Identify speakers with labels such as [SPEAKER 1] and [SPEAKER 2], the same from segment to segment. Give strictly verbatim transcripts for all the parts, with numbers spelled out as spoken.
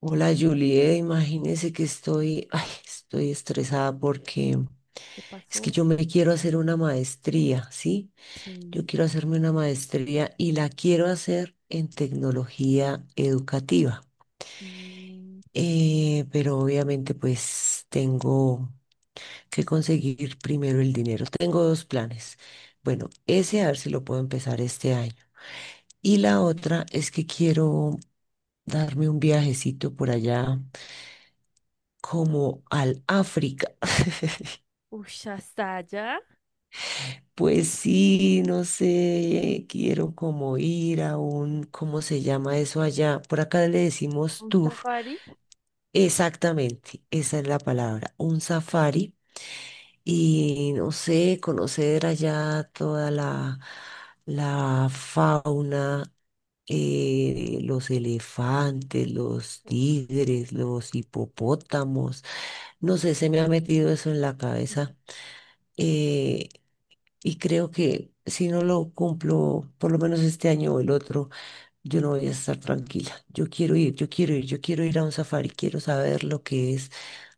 [SPEAKER 1] Hola Juliet, imagínese que estoy, ay, estoy estresada porque
[SPEAKER 2] ¿Qué
[SPEAKER 1] es que
[SPEAKER 2] pasó?
[SPEAKER 1] yo me quiero hacer una maestría, ¿sí?
[SPEAKER 2] Sí.
[SPEAKER 1] Yo quiero hacerme una maestría y la quiero hacer en tecnología educativa.
[SPEAKER 2] Mm.
[SPEAKER 1] Eh, pero obviamente pues tengo que conseguir primero el dinero. Tengo dos planes. Bueno, ese a ver si lo puedo empezar este año. Y la otra es que quiero darme un viajecito por allá como al África.
[SPEAKER 2] Ush, hasta allá.
[SPEAKER 1] Pues sí, no sé, quiero como ir a un, ¿cómo se llama eso allá? Por acá le decimos
[SPEAKER 2] Un
[SPEAKER 1] tour.
[SPEAKER 2] safari.
[SPEAKER 1] Exactamente, esa es la palabra, un safari. Y no sé, conocer allá toda la, la fauna, eh, los elefantes, los
[SPEAKER 2] Uf.
[SPEAKER 1] tigres, los hipopótamos. No sé, se me ha metido eso en la cabeza. eh, y creo que si no lo cumplo, por lo menos este año o el otro, yo no voy a estar tranquila. Yo quiero ir, yo quiero ir, yo quiero ir a un safari, quiero saber lo que es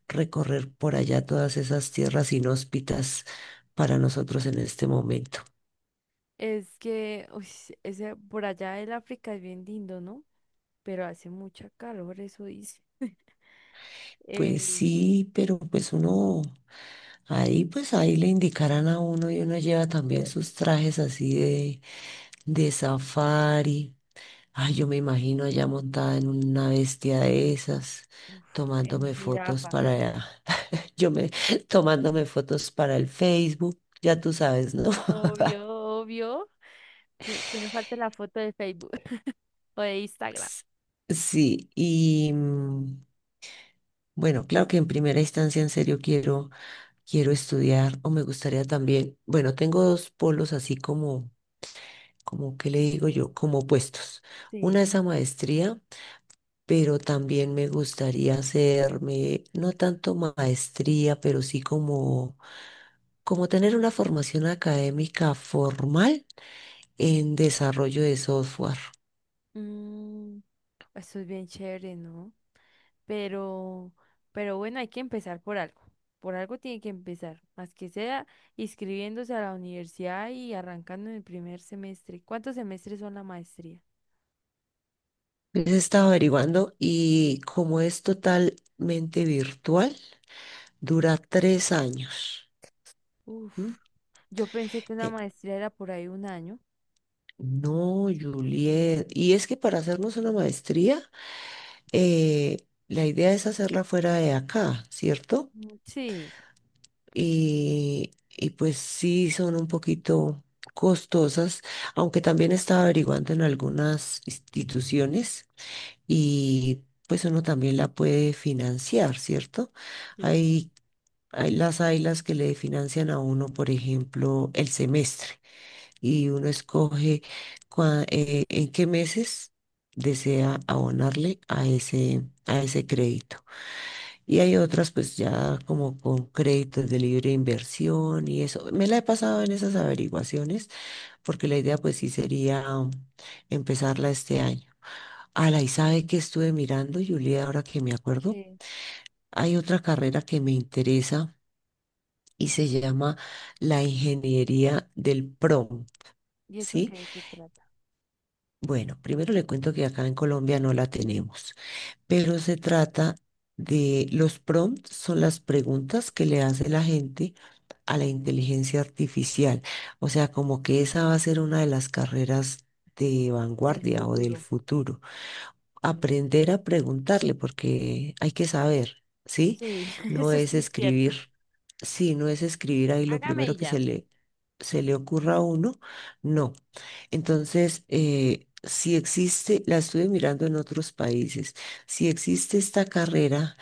[SPEAKER 1] recorrer por allá todas esas tierras inhóspitas para nosotros en este momento.
[SPEAKER 2] Es que, ush, ese, por allá el África es bien lindo, ¿no? Pero hace mucha calor, eso dice.
[SPEAKER 1] Pues
[SPEAKER 2] Eh,
[SPEAKER 1] sí, pero pues uno, ahí pues ahí le indicarán a uno y uno lleva también
[SPEAKER 2] eh,
[SPEAKER 1] sus trajes así de, de safari. Ay, yo me imagino allá montada en una bestia de esas,
[SPEAKER 2] uf, en
[SPEAKER 1] tomándome fotos
[SPEAKER 2] jirafa.
[SPEAKER 1] para, yo me, tomándome fotos para el Facebook, ya tú sabes, ¿no?
[SPEAKER 2] Obvio, obvio. Que que no falte la foto de Facebook o de Instagram.
[SPEAKER 1] S- Sí, y mm, bueno, claro que en primera instancia en serio quiero, quiero estudiar o me gustaría también, bueno, tengo dos polos así como, como, ¿qué le digo yo? Como opuestos.
[SPEAKER 2] Sí.
[SPEAKER 1] Una es a maestría, pero también me gustaría hacerme, no tanto maestría, pero sí como como tener una formación académica formal en desarrollo de software.
[SPEAKER 2] Mm, eso es bien chévere, ¿no? Pero, pero bueno, hay que empezar por algo. Por algo tiene que empezar, más que sea inscribiéndose a la universidad y arrancando en el primer semestre. ¿Cuántos semestres son la maestría?
[SPEAKER 1] He estaba averiguando y como es totalmente virtual, dura tres años. ¿M?
[SPEAKER 2] Uf, yo pensé que una
[SPEAKER 1] Eh,
[SPEAKER 2] maestría era por ahí un año.
[SPEAKER 1] No, Juliet. Y es que para hacernos una maestría, eh, la idea es hacerla fuera de acá, ¿cierto?
[SPEAKER 2] Mm. Sí,
[SPEAKER 1] Y, y pues sí, son un poquito costosas, aunque también estaba averiguando en algunas instituciones y pues uno también la puede financiar, ¿cierto?
[SPEAKER 2] sí.
[SPEAKER 1] Hay, hay las hay las que le financian a uno, por ejemplo, el semestre y uno escoge cua- eh, en qué meses desea abonarle a ese, a ese crédito. Y hay otras pues ya como con créditos de libre inversión y eso. Me la he pasado en esas averiguaciones porque la idea pues sí sería empezarla este año. Ala, y sabe que estuve mirando, Julia, ahora que me acuerdo,
[SPEAKER 2] ¿Qué?
[SPEAKER 1] hay otra carrera que me interesa y se llama la ingeniería del P R O M,
[SPEAKER 2] ¿Y eso
[SPEAKER 1] ¿sí?
[SPEAKER 2] qué, de qué trata?
[SPEAKER 1] Bueno, primero le cuento que acá en Colombia no la tenemos. Pero se trata de los prompts, son las preguntas que le hace la gente a la inteligencia artificial. O sea, como que esa va a ser una de las carreras de
[SPEAKER 2] El
[SPEAKER 1] vanguardia o del
[SPEAKER 2] futuro.
[SPEAKER 1] futuro,
[SPEAKER 2] Claro.
[SPEAKER 1] aprender a preguntarle porque hay que saber, ¿sí?
[SPEAKER 2] Sí,
[SPEAKER 1] No
[SPEAKER 2] eso
[SPEAKER 1] es
[SPEAKER 2] sí es cierto.
[SPEAKER 1] escribir. Sí, no es escribir ahí lo
[SPEAKER 2] Hágame y
[SPEAKER 1] primero que
[SPEAKER 2] ya.
[SPEAKER 1] se le, se le ocurra a uno, no. Entonces, eh, si existe, la estuve mirando en otros países, si existe esta carrera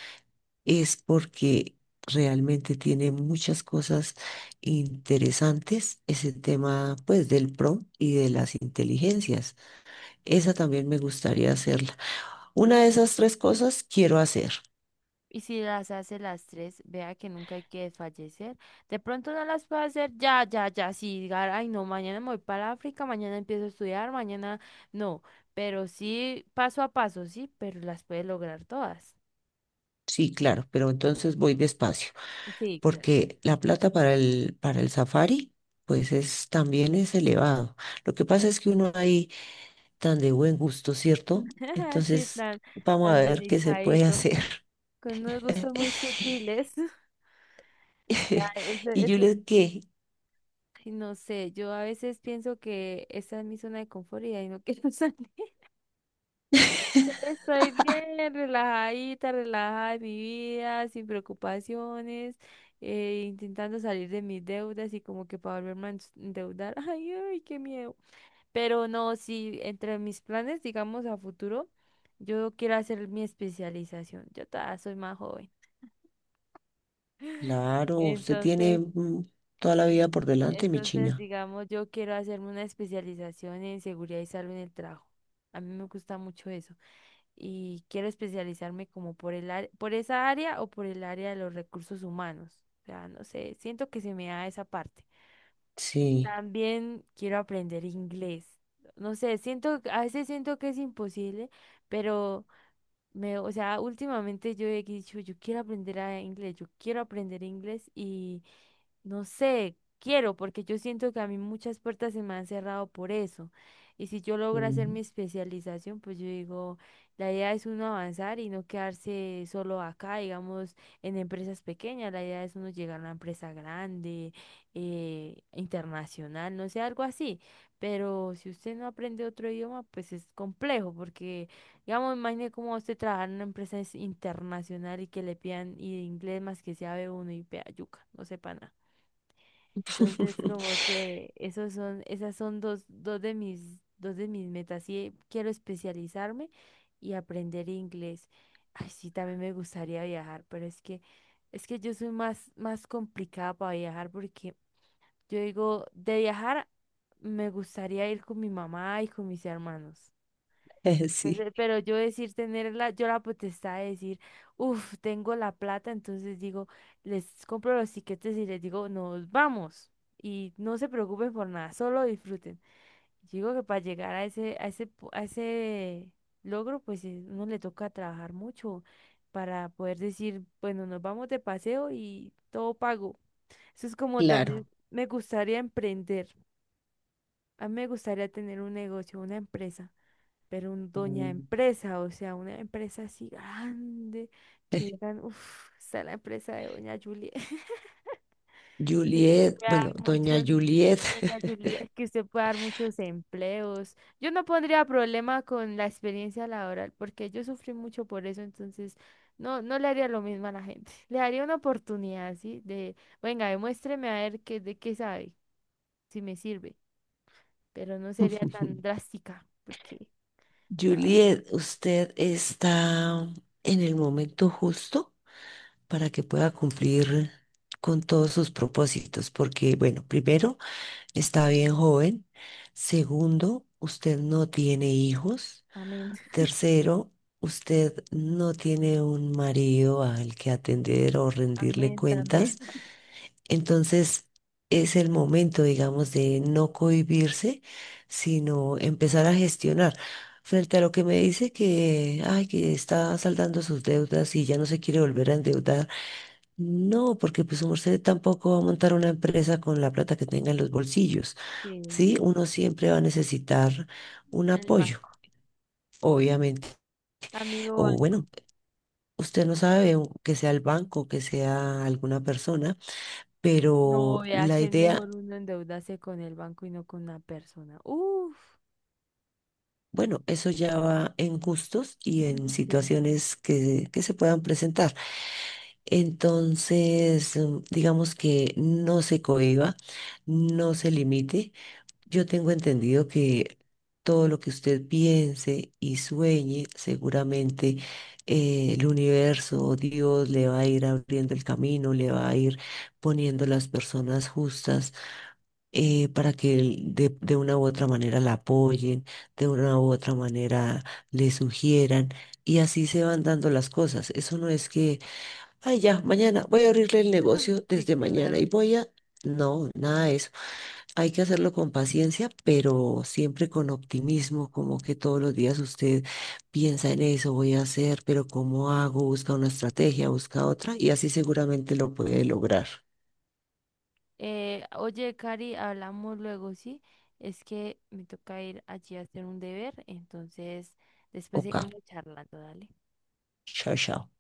[SPEAKER 1] es porque realmente tiene muchas cosas interesantes, ese tema pues del P R O y de las inteligencias. Esa también me gustaría hacerla. Una de esas tres cosas quiero hacer.
[SPEAKER 2] Y si las hace las tres, vea que nunca hay que desfallecer. De pronto no las puede hacer ya, ya, ya. Si diga, ay, no, mañana me voy para África, mañana empiezo a estudiar, mañana no. Pero sí, paso a paso, sí, pero las puede lograr todas.
[SPEAKER 1] Sí, claro, pero entonces voy despacio,
[SPEAKER 2] Sí, claro.
[SPEAKER 1] porque la plata para el, para el safari, pues es, también es elevado. Lo que pasa es que uno ahí tan de buen gusto, ¿cierto?
[SPEAKER 2] Así
[SPEAKER 1] Entonces,
[SPEAKER 2] tan,
[SPEAKER 1] vamos a
[SPEAKER 2] tan
[SPEAKER 1] ver qué se puede
[SPEAKER 2] delicadito,
[SPEAKER 1] hacer.
[SPEAKER 2] con unos gustos muy sutiles. Ya, eso,
[SPEAKER 1] Y yo
[SPEAKER 2] eso-
[SPEAKER 1] le ¿qué?
[SPEAKER 2] ay, no sé, yo a veces pienso que esa es mi zona de confort y ahí no quiero salir. Estoy bien, relajadita, relajada de mi vida, sin preocupaciones, eh, intentando salir de mis deudas y como que para volverme a ens- endeudar. Ay, ay, qué miedo. Pero no, sí, entre mis planes, digamos, a futuro, yo quiero hacer mi especialización. Yo todavía soy más joven.
[SPEAKER 1] Claro, usted tiene
[SPEAKER 2] Entonces,
[SPEAKER 1] mm, toda la vida por delante, mi
[SPEAKER 2] entonces,
[SPEAKER 1] china.
[SPEAKER 2] digamos, yo quiero hacerme una especialización en seguridad y salud en el trabajo. A mí me gusta mucho eso. Y quiero especializarme como por el área- por esa área o por el área de los recursos humanos. O sea, no sé, siento que se me da esa parte.
[SPEAKER 1] Sí.
[SPEAKER 2] También quiero aprender inglés. No sé, siento, a veces siento que es imposible, pero me, o sea, últimamente yo he dicho, yo quiero aprender a inglés, yo quiero aprender inglés y no sé, quiero, porque yo siento que a mí muchas puertas se me han cerrado por eso. Y si yo logro hacer mi
[SPEAKER 1] Mm.
[SPEAKER 2] especialización, pues yo digo, la idea es uno avanzar y no quedarse solo acá, digamos, en empresas pequeñas, la idea es uno llegar a una empresa grande, eh, internacional, no sé, algo así. Pero si usted no aprende otro idioma, pues es complejo, porque, digamos, imagine cómo usted trabajar en una empresa es internacional y que le pidan y inglés más que sea b uno y pea yuca, no sepa nada. Entonces, como que esos son, esas son dos, dos de mis, dos de mis metas. Sí, quiero especializarme y aprender inglés. Ay, sí, también me gustaría viajar, pero es que, es que yo soy más, más complicada para viajar porque yo digo, de viajar me gustaría ir con mi mamá y con mis hermanos. Pues,
[SPEAKER 1] Sí,
[SPEAKER 2] eh, pero yo decir tener la, yo la potestad de decir, uff, tengo la plata, entonces digo, les compro los tiquetes y les digo, nos vamos. Y no se preocupen por nada, solo disfruten. Digo que para llegar a ese, a ese, pu- a ese logro, pues eh, uno le toca trabajar mucho para poder decir, bueno, nos vamos de paseo y todo pago. Eso es como también
[SPEAKER 1] claro.
[SPEAKER 2] me gustaría emprender. A mí me gustaría tener un negocio, una empresa, pero un doña
[SPEAKER 1] Mm.
[SPEAKER 2] empresa, o sea, una empresa así grande, que digan, uff, está la empresa de doña Julia, que usted
[SPEAKER 1] Juliet,
[SPEAKER 2] pueda
[SPEAKER 1] bueno,
[SPEAKER 2] dar
[SPEAKER 1] doña
[SPEAKER 2] muchos,
[SPEAKER 1] Juliet.
[SPEAKER 2] doña Julia, que usted pueda dar muchos empleos. Yo no pondría problema con la experiencia laboral, porque yo sufrí mucho por eso, entonces no, no le haría lo mismo a la gente. Le daría una oportunidad, ¿sí? De, venga, demuéstreme a ver qué, de qué sabe, si me sirve, pero no sería tan drástica, porque... No,
[SPEAKER 1] Juliet, usted está en el momento justo para que pueda cumplir con todos sus propósitos, porque, bueno, primero, está bien joven.
[SPEAKER 2] sí.
[SPEAKER 1] Segundo, usted no tiene hijos.
[SPEAKER 2] Amén.
[SPEAKER 1] Tercero, usted no tiene un marido al que atender o rendirle
[SPEAKER 2] Amén también.
[SPEAKER 1] cuentas. Entonces es el momento, digamos, de no cohibirse, sino empezar a gestionar. Frente a lo que me dice que, ay, que está saldando sus deudas y ya no se quiere volver a endeudar. No, porque pues usted tampoco va a montar una empresa con la plata que tenga en los bolsillos.
[SPEAKER 2] Sí.
[SPEAKER 1] Sí, uno siempre va a necesitar un
[SPEAKER 2] El
[SPEAKER 1] apoyo,
[SPEAKER 2] banco.
[SPEAKER 1] obviamente.
[SPEAKER 2] Amigo
[SPEAKER 1] O
[SPEAKER 2] banco.
[SPEAKER 1] bueno, usted no sabe u- que sea el banco, que sea alguna persona, pero
[SPEAKER 2] No, vea
[SPEAKER 1] la
[SPEAKER 2] que es
[SPEAKER 1] idea.
[SPEAKER 2] mejor uno endeudarse con el banco y no con una persona. Uf.
[SPEAKER 1] Bueno, eso ya va en gustos y en
[SPEAKER 2] Sí,
[SPEAKER 1] situaciones que, que se puedan presentar. Entonces, mm, digamos que no se cohíba, no se limite. Yo tengo entendido que todo lo que usted piense y sueñe, seguramente eh, el universo, o Dios, le va a ir abriendo el camino, le va a ir poniendo las personas justas, eh, para que de, de una u otra manera la apoyen, de una u otra manera le sugieran, y así se van dando las cosas. Eso no es que, ay, ya, mañana voy a abrirle el negocio
[SPEAKER 2] sí,
[SPEAKER 1] desde mañana
[SPEAKER 2] claro.
[SPEAKER 1] y voy a... No, nada de eso. Hay que hacerlo con paciencia, pero siempre con optimismo, como que todos los días usted piensa en eso, voy a hacer, pero ¿cómo hago? Busca una estrategia, busca otra, y así seguramente lo puede lograr.
[SPEAKER 2] Eh, oye, Cari, hablamos luego, ¿sí? Es que me toca ir allí a hacer un deber, entonces después
[SPEAKER 1] Ok,
[SPEAKER 2] seguimos charlando, dale.
[SPEAKER 1] chao, chao.